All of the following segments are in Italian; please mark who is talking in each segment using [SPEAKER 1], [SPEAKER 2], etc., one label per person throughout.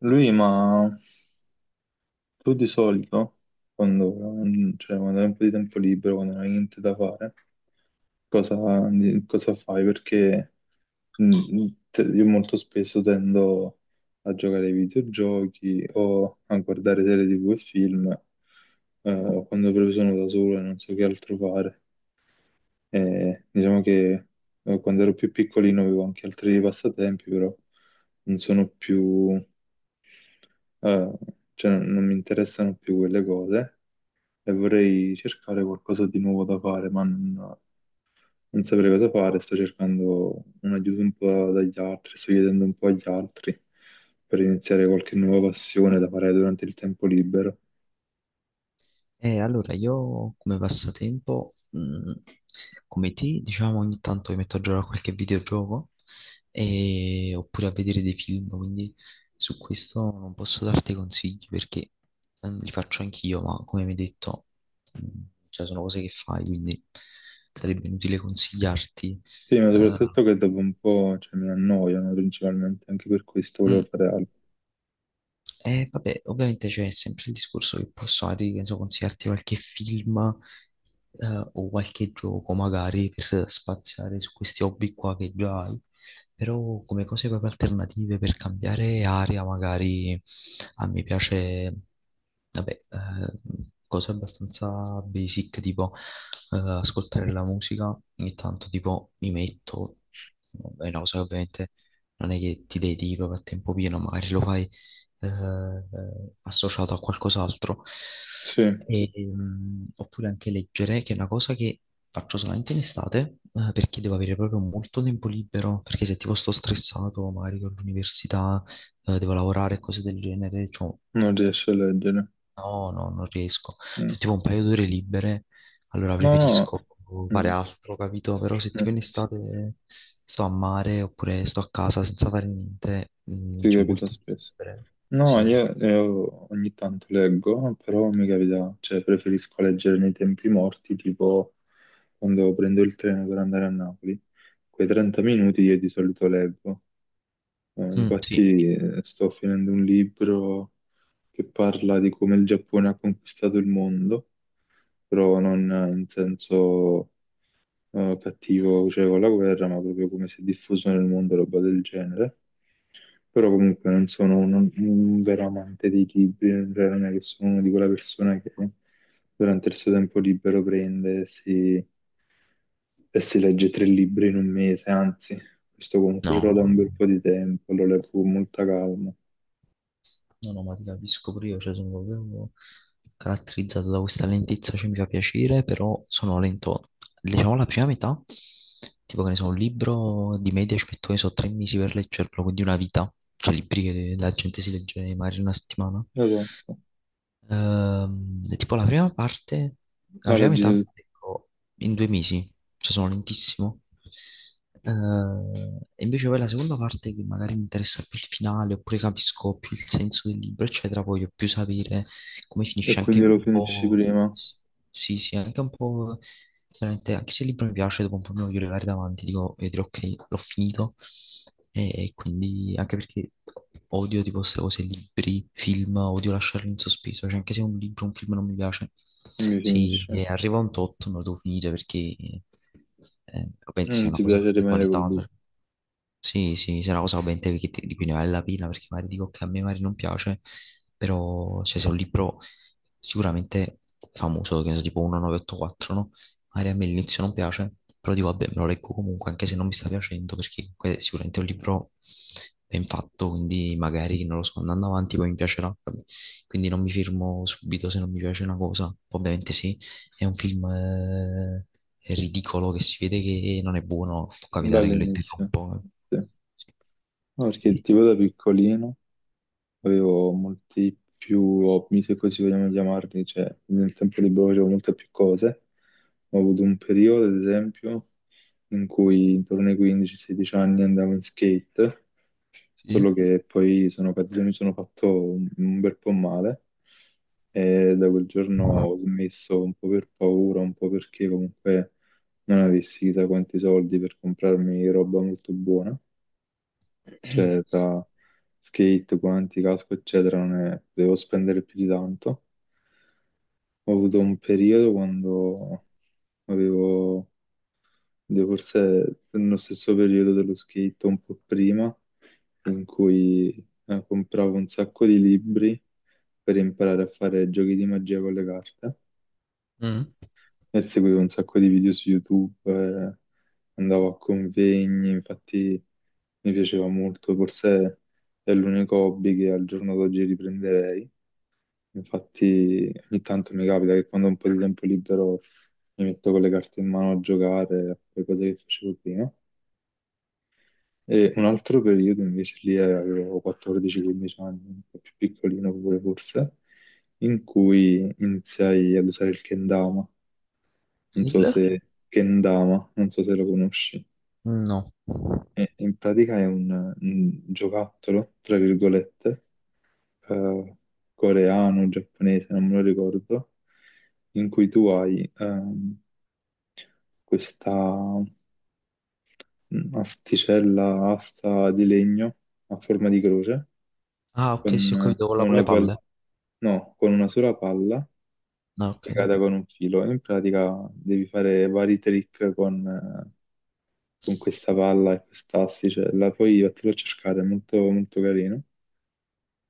[SPEAKER 1] Lui, ma tu di solito, quando, cioè, quando hai un po' di tempo libero, quando non hai niente da fare, cosa, cosa fai? Perché io molto spesso tendo a giocare ai videogiochi o a guardare serie TV e film, quando proprio sono da solo e non so che altro fare. E diciamo che quando ero più piccolino avevo anche altri passatempi, però non sono più. Eh, cioè non mi interessano più quelle cose e vorrei cercare qualcosa di nuovo da fare, ma non saprei cosa fare. Sto cercando un aiuto un po' dagli altri, sto chiedendo un po' agli altri per iniziare qualche nuova passione da fare durante il tempo libero.
[SPEAKER 2] Allora, io come passatempo, come te, diciamo ogni tanto mi metto a giocare a qualche videogioco e- oppure a vedere dei film, quindi su questo non posso darti consigli perché li faccio anch'io, ma come mi hai detto, cioè, sono cose che fai, quindi sarebbe inutile consigliarti.
[SPEAKER 1] Sì, ma
[SPEAKER 2] Eh,
[SPEAKER 1] soprattutto che dopo un po', cioè, mi annoiano principalmente, anche per questo volevo
[SPEAKER 2] mm,
[SPEAKER 1] fare altro.
[SPEAKER 2] vabbè, ovviamente c'è sempre il discorso che posso magari, che ne so, consigliarti qualche film o qualche gioco magari per spaziare su questi hobby qua che già hai, però come cose proprio alternative per cambiare area magari a me piace, vabbè, cose abbastanza basic tipo ascoltare la musica, ogni tanto tipo mi metto, è una cosa che ovviamente non è che ti dedichi proprio a tempo pieno, magari lo fai eh, associato a qualcos'altro.
[SPEAKER 1] Sì,
[SPEAKER 2] E, oppure anche leggere, che è una cosa che faccio solamente in estate, perché devo avere proprio molto tempo libero, perché se tipo sto stressato, magari con l'università, devo lavorare e cose del genere, cioè,
[SPEAKER 1] non riesce a leggere.
[SPEAKER 2] no, no, non riesco.
[SPEAKER 1] Mm.
[SPEAKER 2] Cioè, tipo un paio d'ore libere, allora
[SPEAKER 1] No, no,
[SPEAKER 2] preferisco fare
[SPEAKER 1] no,
[SPEAKER 2] altro, capito? Però se
[SPEAKER 1] no,
[SPEAKER 2] tipo
[SPEAKER 1] no,
[SPEAKER 2] in
[SPEAKER 1] sì,
[SPEAKER 2] estate sto a mare oppure sto a casa senza fare niente,
[SPEAKER 1] ti
[SPEAKER 2] c'ho
[SPEAKER 1] capita
[SPEAKER 2] molto tempo
[SPEAKER 1] spesso.
[SPEAKER 2] libero.
[SPEAKER 1] No,
[SPEAKER 2] Sì, sì.
[SPEAKER 1] io ogni tanto leggo, però mi capita, cioè preferisco leggere nei tempi morti, tipo quando prendo il treno per andare a Napoli. Quei 30 minuti io di solito leggo.
[SPEAKER 2] Mm, sì.
[SPEAKER 1] Infatti sto finendo un libro che parla di come il Giappone ha conquistato il mondo, però non in senso cattivo, cioè con la guerra, ma proprio come si è diffuso nel mondo, roba del genere. Però comunque non sono un, vero amante dei libri, cioè non è che sono una di quella persona che durante il suo tempo libero prende e si legge tre libri in un mese, anzi, questo comunque ce
[SPEAKER 2] No.
[SPEAKER 1] l'ho da un
[SPEAKER 2] No. No.
[SPEAKER 1] bel po' di tempo, lo leggo con molta calma.
[SPEAKER 2] No, no, ma ti capisco pure io, cioè sono proprio caratterizzato da questa lentezza, cioè mi fa piacere, però sono lento. Diciamo la prima metà, tipo che ne so, un libro di media ci metto, che ne so, tre mesi per leggerlo, quindi una vita. Cioè libri che la gente si legge magari in una settimana.
[SPEAKER 1] Esatto,
[SPEAKER 2] Tipo la prima parte, la
[SPEAKER 1] la
[SPEAKER 2] prima
[SPEAKER 1] leggi
[SPEAKER 2] metà,
[SPEAKER 1] tu
[SPEAKER 2] ecco, in due mesi, cioè sono lentissimo. E invece poi la seconda parte che magari mi interessa più il finale, oppure capisco più il senso del libro, eccetera, voglio più sapere come
[SPEAKER 1] e
[SPEAKER 2] finisce anche
[SPEAKER 1] quindi lo
[SPEAKER 2] un
[SPEAKER 1] finisci
[SPEAKER 2] po',
[SPEAKER 1] prima,
[SPEAKER 2] s- sì, sì, anche un po'. Veramente, anche se il libro mi piace, dopo un po' mi voglio levare davanti, dico, e dirò ok, l'ho finito. E quindi, anche perché odio tipo queste cose, libri, film, odio lasciarli in sospeso. Cioè, anche se un libro, un film non mi piace,
[SPEAKER 1] non mi
[SPEAKER 2] se
[SPEAKER 1] finisce.
[SPEAKER 2] arriva a un tot, non lo devo finire perché, ovviamente, se
[SPEAKER 1] Non
[SPEAKER 2] è una
[SPEAKER 1] ti
[SPEAKER 2] cosa
[SPEAKER 1] piace
[SPEAKER 2] di
[SPEAKER 1] rimanere col
[SPEAKER 2] qualità,
[SPEAKER 1] dubbio
[SPEAKER 2] sì, sì, se è una cosa ovviamente che di cui ne vale la pena, perché magari dico che a me magari non piace, però cioè, se è un libro sicuramente famoso, che ne so, tipo 1984, no? Magari a me all'inizio non piace, però dico vabbè, me lo leggo comunque, anche se non mi sta piacendo, perché comunque è sicuramente un libro ben fatto, quindi magari, non lo so, andando avanti poi mi piacerà. Quindi non mi firmo subito se non mi piace una cosa. Ovviamente sì, è un film ridicolo che si vede che non è buono, può capitare che lo
[SPEAKER 1] dall'inizio.
[SPEAKER 2] interrompo. Eh.
[SPEAKER 1] Sì. No, perché
[SPEAKER 2] Quindi-
[SPEAKER 1] tipo da piccolino avevo molti più hobby, se così vogliamo chiamarli, cioè nel tempo libero facevo molte più cose. Ho avuto un periodo, ad esempio, in cui intorno ai 15-16 anni andavo in skate,
[SPEAKER 2] Sì?
[SPEAKER 1] solo che poi sono caduto e mi sono fatto un bel po' male e da quel giorno ho smesso un po' per paura, un po' perché comunque non avessi chissà quanti soldi per comprarmi roba molto buona, cioè tra skate, guanti, casco, eccetera, non è- devo spendere più di tanto. Ho avuto un periodo quando avevo, devo forse nello stesso periodo dello skate, un po' prima, in cui compravo un sacco di libri per imparare a fare giochi di magia con le carte.
[SPEAKER 2] Mm.
[SPEAKER 1] E seguivo un sacco di video su YouTube, andavo a convegni, infatti mi piaceva molto, forse è l'unico hobby che al giorno d'oggi riprenderei. Infatti ogni tanto mi capita che quando ho un po' di tempo libero mi metto con le carte in mano a giocare, a fare cose che facevo prima. E un altro periodo invece lì avevo 14-15 anni, un po' più piccolino pure forse, in cui iniziai ad usare il kendama, non so
[SPEAKER 2] Il?
[SPEAKER 1] se Kendama, non so se lo conosci.
[SPEAKER 2] No.
[SPEAKER 1] E in pratica è un, giocattolo, tra virgolette, eh, coreano, giapponese, non me lo ricordo, in cui tu hai questa asticella, asta di legno a forma di croce,
[SPEAKER 2] Ah, ok, sì, ho
[SPEAKER 1] con
[SPEAKER 2] capito, quella con le
[SPEAKER 1] una, pal-
[SPEAKER 2] palle.
[SPEAKER 1] no, con una sola palla
[SPEAKER 2] No, ok.
[SPEAKER 1] legata con un filo. In pratica devi fare vari trick con questa palla e questa asticella. Poi vattelo a cercare, è molto, molto carino.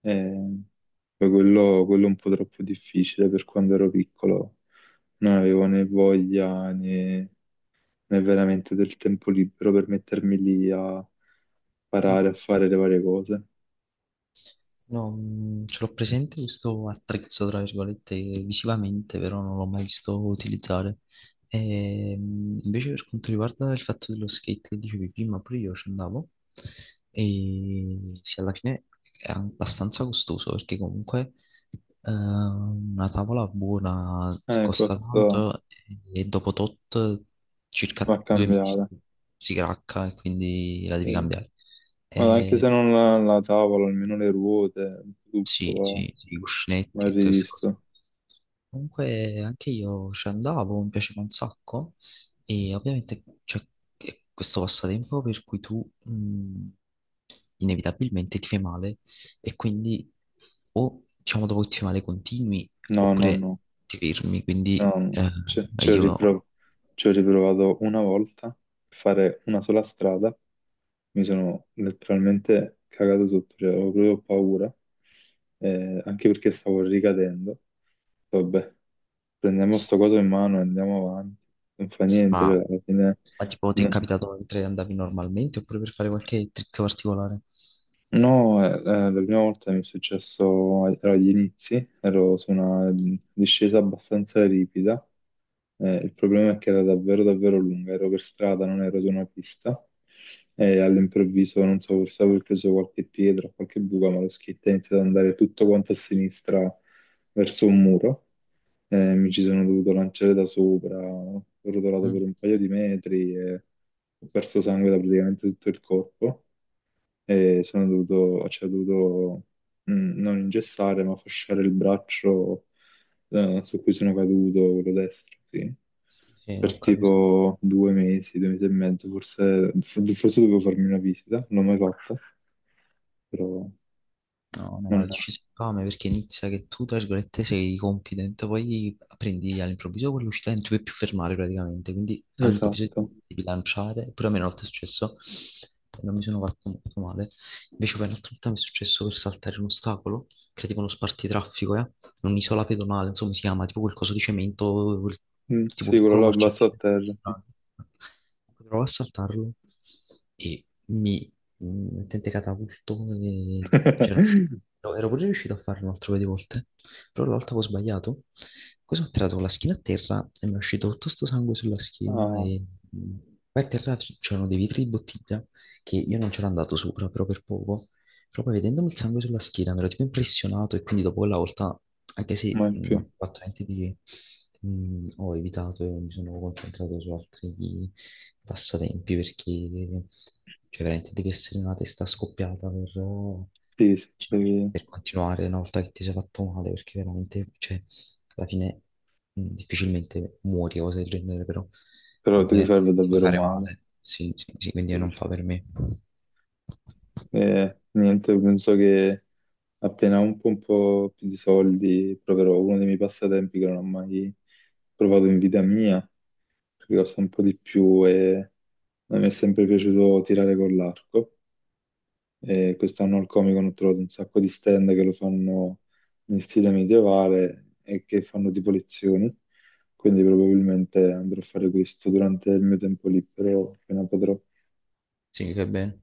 [SPEAKER 1] Eh, poi quello è un po' troppo difficile per quando ero piccolo. Non avevo né voglia né veramente del tempo libero per mettermi lì a
[SPEAKER 2] Sì.
[SPEAKER 1] imparare a fare le varie cose.
[SPEAKER 2] No, ce l'ho presente questo attrezzo, tra virgolette, visivamente, però non l'ho mai visto utilizzare. E, invece per quanto riguarda il fatto dello skate che dicevi prima, pure io ci andavo, e sì, alla fine è abbastanza costoso, perché comunque una tavola buona costa
[SPEAKER 1] Questo
[SPEAKER 2] tanto e dopo tot
[SPEAKER 1] va
[SPEAKER 2] circa due mesi
[SPEAKER 1] cambiata.
[SPEAKER 2] si cracca e quindi la devi
[SPEAKER 1] Sì.
[SPEAKER 2] cambiare.
[SPEAKER 1] Ma anche se
[SPEAKER 2] Eh,
[SPEAKER 1] non la, tavola, almeno le ruote,
[SPEAKER 2] sì,
[SPEAKER 1] tutto
[SPEAKER 2] sì, sì, i
[SPEAKER 1] va
[SPEAKER 2] cuscinetti, tutto questo.
[SPEAKER 1] rivisto.
[SPEAKER 2] Comunque anche io ci andavo, mi piaceva un sacco e ovviamente c'è è questo passatempo per cui tu inevitabilmente ti fai male e quindi o diciamo dopo che ti fai male continui
[SPEAKER 1] No, no,
[SPEAKER 2] oppure
[SPEAKER 1] no.
[SPEAKER 2] ti fermi,
[SPEAKER 1] No,
[SPEAKER 2] quindi
[SPEAKER 1] no,
[SPEAKER 2] io
[SPEAKER 1] ci ho riprovato una volta per fare una sola strada, mi sono letteralmente cagato sotto, cioè, avevo proprio paura, anche perché stavo ricadendo. Vabbè, prendiamo sto coso in mano e andiamo avanti, non fa niente, cioè,
[SPEAKER 2] ma,
[SPEAKER 1] alla fine.
[SPEAKER 2] ma tipo ti è
[SPEAKER 1] No.
[SPEAKER 2] capitato mentre andavi normalmente oppure per fare qualche trick particolare?
[SPEAKER 1] No, la prima volta mi è successo, ero agli inizi, ero su una discesa abbastanza ripida, il problema è che era davvero davvero lunga, ero per strada, non ero su una pista, e all'improvviso, non so, forse avevo preso qualche pietra, qualche buca, ma lo skate è iniziato ad andare tutto quanto a sinistra verso un muro, mi ci sono dovuto lanciare da sopra, ho rotolato
[SPEAKER 2] Mm.
[SPEAKER 1] per un paio di metri e ho perso sangue da praticamente tutto il corpo e sono dovuto, cioè, ho dovuto, mh, non ingessare, ma fasciare il braccio su cui sono caduto, quello destro, sì.
[SPEAKER 2] Sì, sì, ho
[SPEAKER 1] Per
[SPEAKER 2] capito.
[SPEAKER 1] tipo 2 mesi, 2 mesi e mezzo, forse, dovevo farmi una visita, non l'ho mai fatta, però
[SPEAKER 2] No, no, ma
[SPEAKER 1] non
[SPEAKER 2] lo
[SPEAKER 1] è.
[SPEAKER 2] dici spame perché inizia che tu, tra virgolette, sei confident, poi prendi all'improvviso quell'uscita e non ti puoi più fermare praticamente, quindi all'improvviso ti
[SPEAKER 1] Esatto.
[SPEAKER 2] devi lanciare, pure a me una volta è successo e non mi sono fatto molto male, invece poi un'altra volta mi è successo per saltare un ostacolo, che era tipo uno spartitraffico, eh? Un'isola pedonale, insomma si chiama, tipo qualcosa di cemento,
[SPEAKER 1] Mm,
[SPEAKER 2] tipo
[SPEAKER 1] sì, quello
[SPEAKER 2] piccolo
[SPEAKER 1] là basso a
[SPEAKER 2] marciapiede.
[SPEAKER 1] terra. Sì.
[SPEAKER 2] Strano. Provo a saltarlo e mi mettente catapulto, e c'era. No, ero pure riuscito a farlo un altro paio di volte, però l'altra avevo sbagliato. Cosa ho tirato con la schiena a terra e mi è uscito tutto sto sangue sulla schiena
[SPEAKER 1] Ah,
[SPEAKER 2] e mh, poi a terra c'erano dei vetri di bottiglia che io non c'ero andato sopra, però per poco. Però poi vedendomi il sangue sulla schiena mi ero tipo impressionato e quindi dopo quella volta, anche se
[SPEAKER 1] mai
[SPEAKER 2] non
[SPEAKER 1] più.
[SPEAKER 2] ho fatto niente di ho evitato e mi sono concentrato su altri passatempi perché cioè veramente devi essere una testa scoppiata per
[SPEAKER 1] Sì, sì,
[SPEAKER 2] cioè, per continuare una volta che ti sei fatto male, perché veramente, cioè, alla fine difficilmente muori o cose del genere, però
[SPEAKER 1] però ti puoi
[SPEAKER 2] comunque
[SPEAKER 1] farlo
[SPEAKER 2] ti puoi
[SPEAKER 1] davvero
[SPEAKER 2] fare
[SPEAKER 1] male.
[SPEAKER 2] male, sì, sì, sì, quindi
[SPEAKER 1] Sì,
[SPEAKER 2] non
[SPEAKER 1] sì.
[SPEAKER 2] fa per me.
[SPEAKER 1] Niente, penso che appena un po' più di soldi, proverò uno dei miei passatempi che non ho mai provato in vita mia, perché costa un po' di più e a me è sempre piaciuto tirare con l'arco. E quest'anno al Comic Con ho trovato un sacco di stand che lo fanno in stile medievale e che fanno tipo lezioni, quindi probabilmente andrò a fare questo durante il mio tempo libero appena potrò.
[SPEAKER 2] Sì, va bene.